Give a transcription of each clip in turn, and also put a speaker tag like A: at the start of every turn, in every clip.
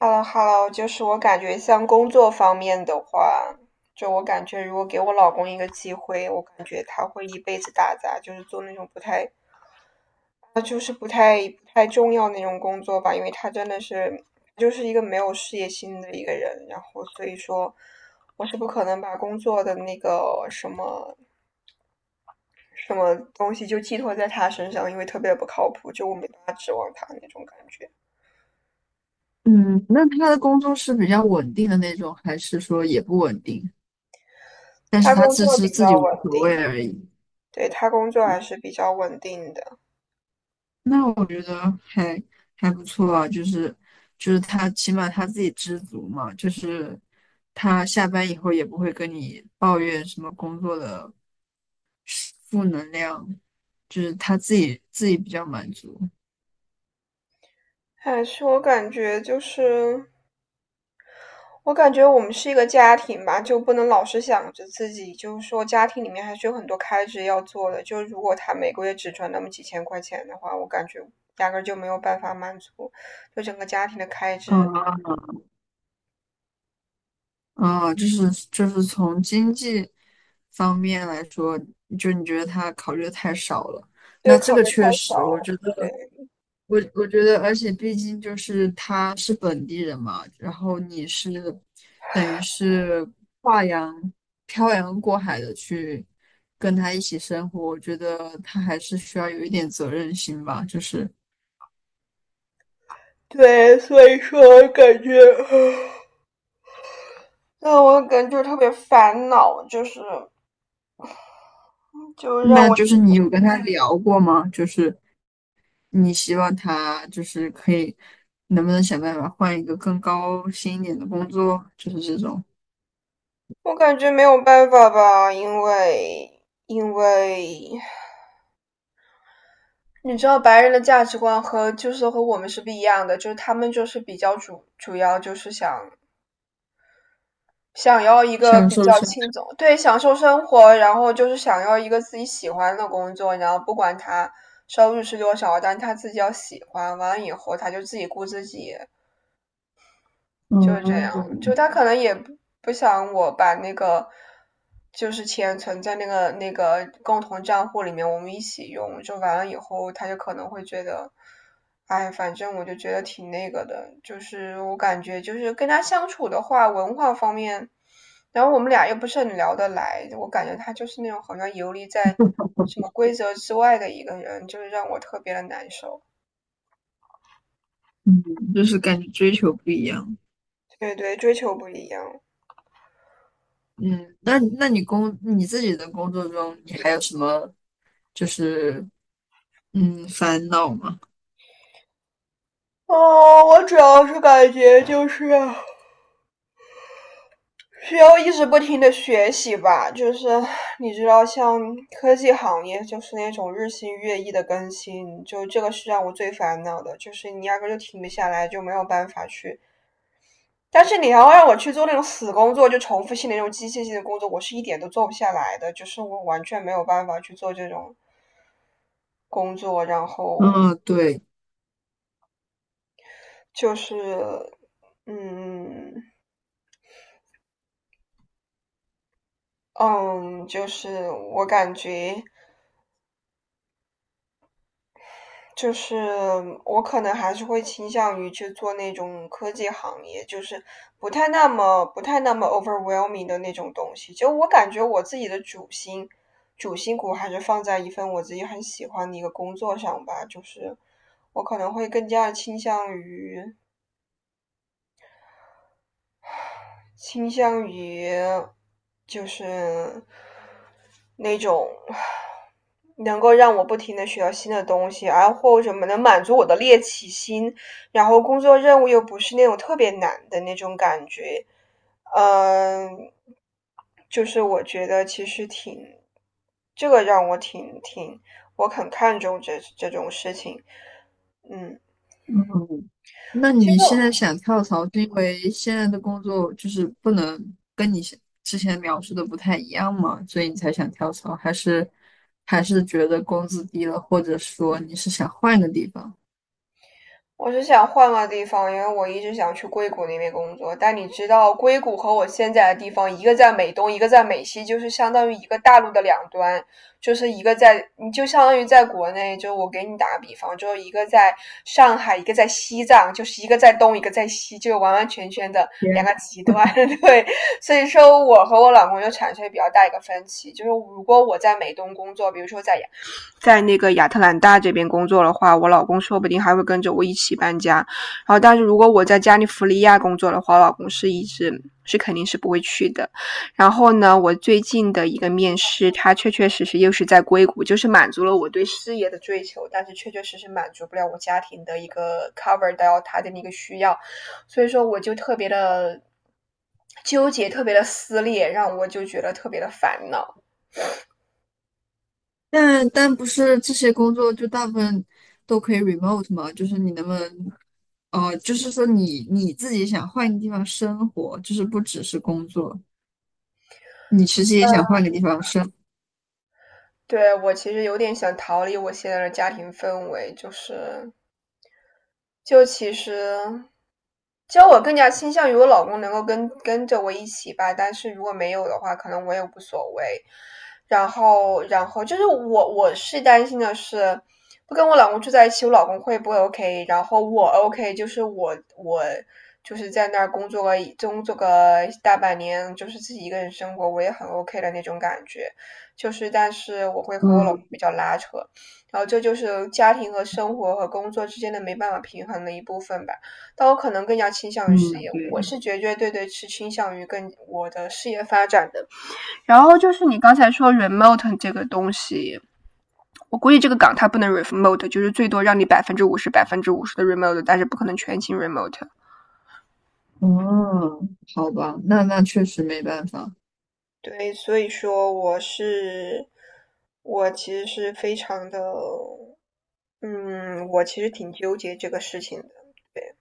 A: 哈喽哈喽，就是我感觉像工作方面的话，就我感觉如果给我老公一个机会，我感觉他会一辈子打杂，就是做那种不太，他就是不太重要那种工作吧，因为他真的是就是一个没有事业心的一个人，然后所以说我是不可能把工作的那个什么什么东西就寄托在他身上，因为特别不靠谱，就我没办法指望他那种感觉。
B: 嗯，那他的工作是比较稳定的那种，还是说也不稳定？但是
A: 他
B: 他
A: 工
B: 自
A: 作
B: 知
A: 比
B: 自己
A: 较
B: 无
A: 稳
B: 所谓
A: 定，
B: 而已。
A: 对，他工作还是比较稳定的。
B: 那我觉得还不错啊，就是他起码他自己知足嘛，就是他下班以后也不会跟你抱怨什么工作的负能量，就是他自己比较满足。
A: 还是我感觉就是，我感觉我们是一个家庭吧，就不能老是想着自己，就是说家庭里面还是有很多开支要做的。就如果他每个月只赚那么几千块钱的话，我感觉压根儿就没有办法满足，就整个家庭的开支，
B: 嗯，啊，就是从经济方面来说，就你觉得他考虑的太少了。
A: 对，
B: 那这
A: 考
B: 个
A: 虑太
B: 确
A: 少。
B: 实，我觉得，
A: 对
B: 我觉得，而且毕竟就是他是本地人嘛，然后你是等于是跨洋漂洋过海的去跟他一起生活，我觉得他还是需要有一点责任心吧。就是，
A: 对，所以说我感觉，那我感觉特别烦恼，就是就让
B: 那
A: 我，
B: 就是你有跟他聊过吗？就是你希望他就是可以，能不能想办法换一个更高薪一点的工作，就是这种
A: 我感觉没有办法吧，因为。你知道白人的价值观和就是和我们是不一样的，就是他们就是比较主要就是想想要一个
B: 享
A: 比
B: 受
A: 较
B: 生，
A: 轻松，对，享受生活，然后就是想要一个自己喜欢的工作，然后不管他收入是多少，但他自己要喜欢，完了以后他就自己顾自己，就是这样，就
B: 嗯
A: 他可能也不想我把那个就是钱存在那个共同账户里面，我们一起用。就完了以后，他就可能会觉得，哎，反正我就觉得挺那个的。就是我感觉，就是跟他相处的话，文化方面，然后我们俩又不是很聊得来，我感觉他就是那种好像游离在什么规则之外的一个人，就是让我特别的难受。
B: 嗯，就是感觉追求不一样。
A: 对对，追求不一样。
B: 嗯，那你自己的工作中，你还有什么就是烦恼吗？
A: 哦，我主要是感觉就是需要一直不停的学习吧，就是你知道，像科技行业就是那种日新月异的更新，就这个是让我最烦恼的，就是你压根就停不下来，就没有办法去。但是你要让我去做那种死工作，就重复性的那种机械性的工作，我是一点都做不下来的，就是我完全没有办法去做这种工作，然后
B: 嗯，对。
A: 就是，嗯。嗯，就是我感觉，就是我可能还是会倾向于去做那种科技行业，就是不太那么 overwhelming 的那种东西。就我感觉我自己的主心骨还是放在一份我自己很喜欢的一个工作上吧，就是我可能会更加倾向于倾向于就是那种能够让我不停的学到新的东西，而或者能满足我的猎奇心，然后工作任务又不是那种特别难的那种感觉，嗯，就是我觉得其实挺，这个让我挺挺，我很看重这种事情，嗯，
B: 那
A: 其实
B: 你现
A: 我
B: 在想跳槽，是因为现在的工作就是不能跟你之前描述的不太一样吗？所以你才想跳槽，还是觉得工资低了，或者说你是想换个地方？
A: 是想换个地方，因为我一直想去硅谷那边工作。但你知道，硅谷和我现在的地方，一个在美东，一个在美西，就是相当于一个大陆的两端，就是一个在，你就相当于在国内，就我给你打个比方，就一个在上海，一个在西藏，就是一个在东，一个在西，就完完全全的两
B: 也，
A: 个极端。对，所以说我和我老公就产生比较大一个分歧，就是如果我在美东工作，比如说在在那个亚特兰大这边工作的话，我老公说不定还会跟着我一起搬家。然后，但是如果我在加利福尼亚工作的话，我老公是一直是肯定是不会去的。然后呢，我最近的一个面试，他确确实实又是在硅谷，就是满足了我对事业的追求，但是确确实实满足不了我家庭的一个 cover 到他的那个需要，所以说我就特别的纠结，特别的撕裂，让我就觉得特别的烦恼。
B: 但不是这些工作就大部分都可以 remote 吗？就是你能不能，就是说你自己想换个地方生活，就是不只是工作，你其实也想
A: 嗯，
B: 换个地方生。
A: 对，我其实有点想逃离我现在的家庭氛围，就是就其实，其实我更加倾向于我老公能够跟着我一起吧，但是如果没有的话，可能我也无所谓。然后就是我是担心的是，不跟我老公住在一起，我老公会不会 OK?然后我 OK,就是我就是在那儿工作个大半年，就是自己一个人生活，我也很 OK 的那种感觉。就是，但是我会和我老公
B: 嗯
A: 比较拉扯。然后这就是家庭和生活和工作之间的没办法平衡的一部分吧。但我可能更加倾向于事
B: 嗯，
A: 业，
B: 对。
A: 我是绝绝对对是倾向于跟我的事业发展的。然后就是你刚才说 remote 这个东西，我估计这个岗它不能 remote,就是最多让你百分之五十、百分之五十的 remote,但是不可能全勤 remote。
B: 嗯，好吧，那确实没办法。
A: 对，所以说我是，我其实是非常的，嗯，我其实挺纠结这个事情的。对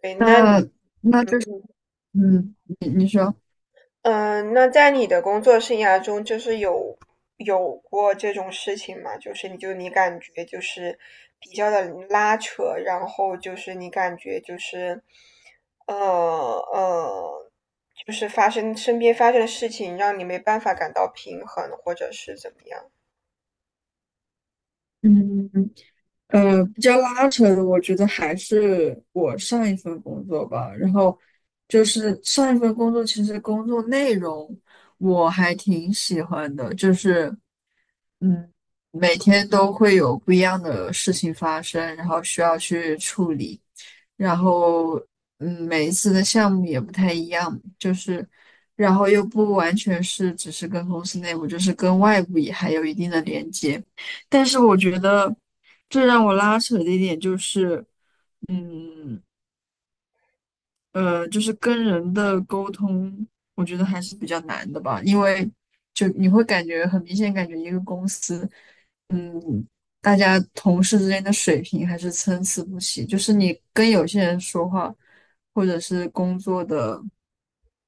A: 对，那你，嗯。
B: 嗯，你说，
A: 嗯，那在你的工作生涯中，就是有有过这种事情吗？就是你就你感觉就是比较的拉扯，然后就是你感觉就是，呃呃，就是发生身边发生的事情，让你没办法感到平衡，或者是怎么样？
B: 嗯，比较拉扯的，我觉得还是我上一份工作吧。然后就是上一份工作，其实工作内容我还挺喜欢的，就是嗯，每天都会有不一样的事情发生，然后需要去处理。然后每一次的项目也不太一样，就是然后又不完全是只是跟公司内部，就是跟外部也还有一定的连接。但是我觉得最让我拉扯的一点就是，嗯就是跟人的沟通，我觉得还是比较难的吧，因为就你会感觉很明显，感觉一个公司。大家同事之间的水平还是参差不齐，就是你跟有些人说话，或者是工作的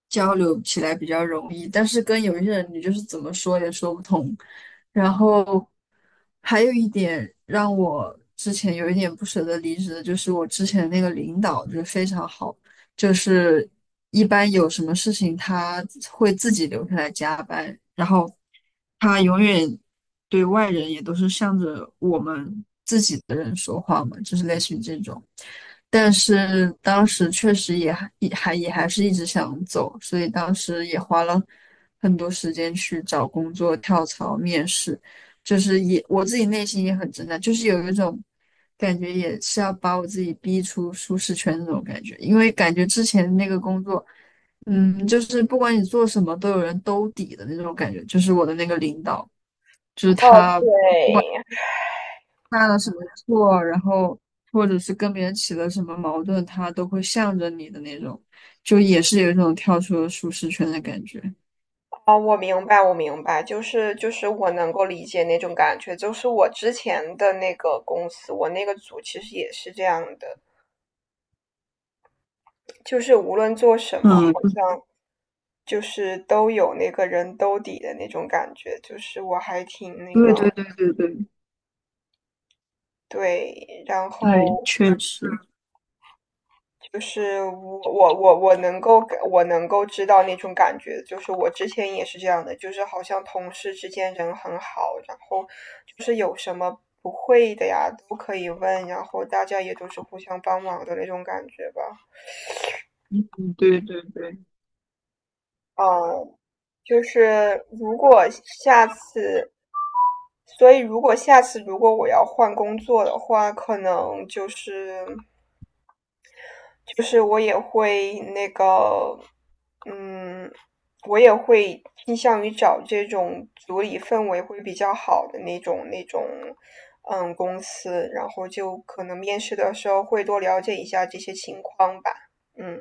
B: 交流起来比较容易，但是跟有一些人你就是怎么说也说不通。然后还有一点让我之前有一点不舍得离职的，就是我之前那个领导就是非常好。就是一般有什么事情他会自己留下来加班，然后他永远对外人也都是向着我们自己的人说话嘛，就是类似于这种。但是当时确实也还是一直想走，所以当时也花了很多时间去找工作、跳槽、面试。就是也我自己内心也很挣扎，就是有一种感觉，也是要把我自己逼出舒适圈那种感觉。因为感觉之前那个工作，就是不管你做什么，都有人兜底的那种感觉。就是我的那个领导，就是
A: 哦，
B: 他
A: 对，
B: 犯了什么错，然后或者是跟别人起了什么矛盾，他都会向着你的那种，就也是有一种跳出了舒适圈的感觉。
A: 哦，我明白，我明白，就是就是我能够理解那种感觉，就是我之前的那个公司，我那个组其实也是这样的，就是无论做什么，
B: 嗯，
A: 好像就是都有那个人兜底的那种感觉，就是我还挺那
B: 对
A: 个，
B: 对对对对
A: 对，然
B: 对，
A: 后
B: 确实，
A: 就是我能够我能够知道那种感觉，就是我之前也是这样的，就是好像同事之间人很好，然后就是有什么不会的呀都可以问，然后大家也都是互相帮忙的那种感觉吧，
B: 嗯，对对对。
A: 嗯。就是如果下次所以如果下次如果我要换工作的话，可能就是就是我也会那个，嗯，我也会倾向于找这种组里氛围会比较好的那种，嗯，公司，然后就可能面试的时候会多了解一下这些情况吧，嗯。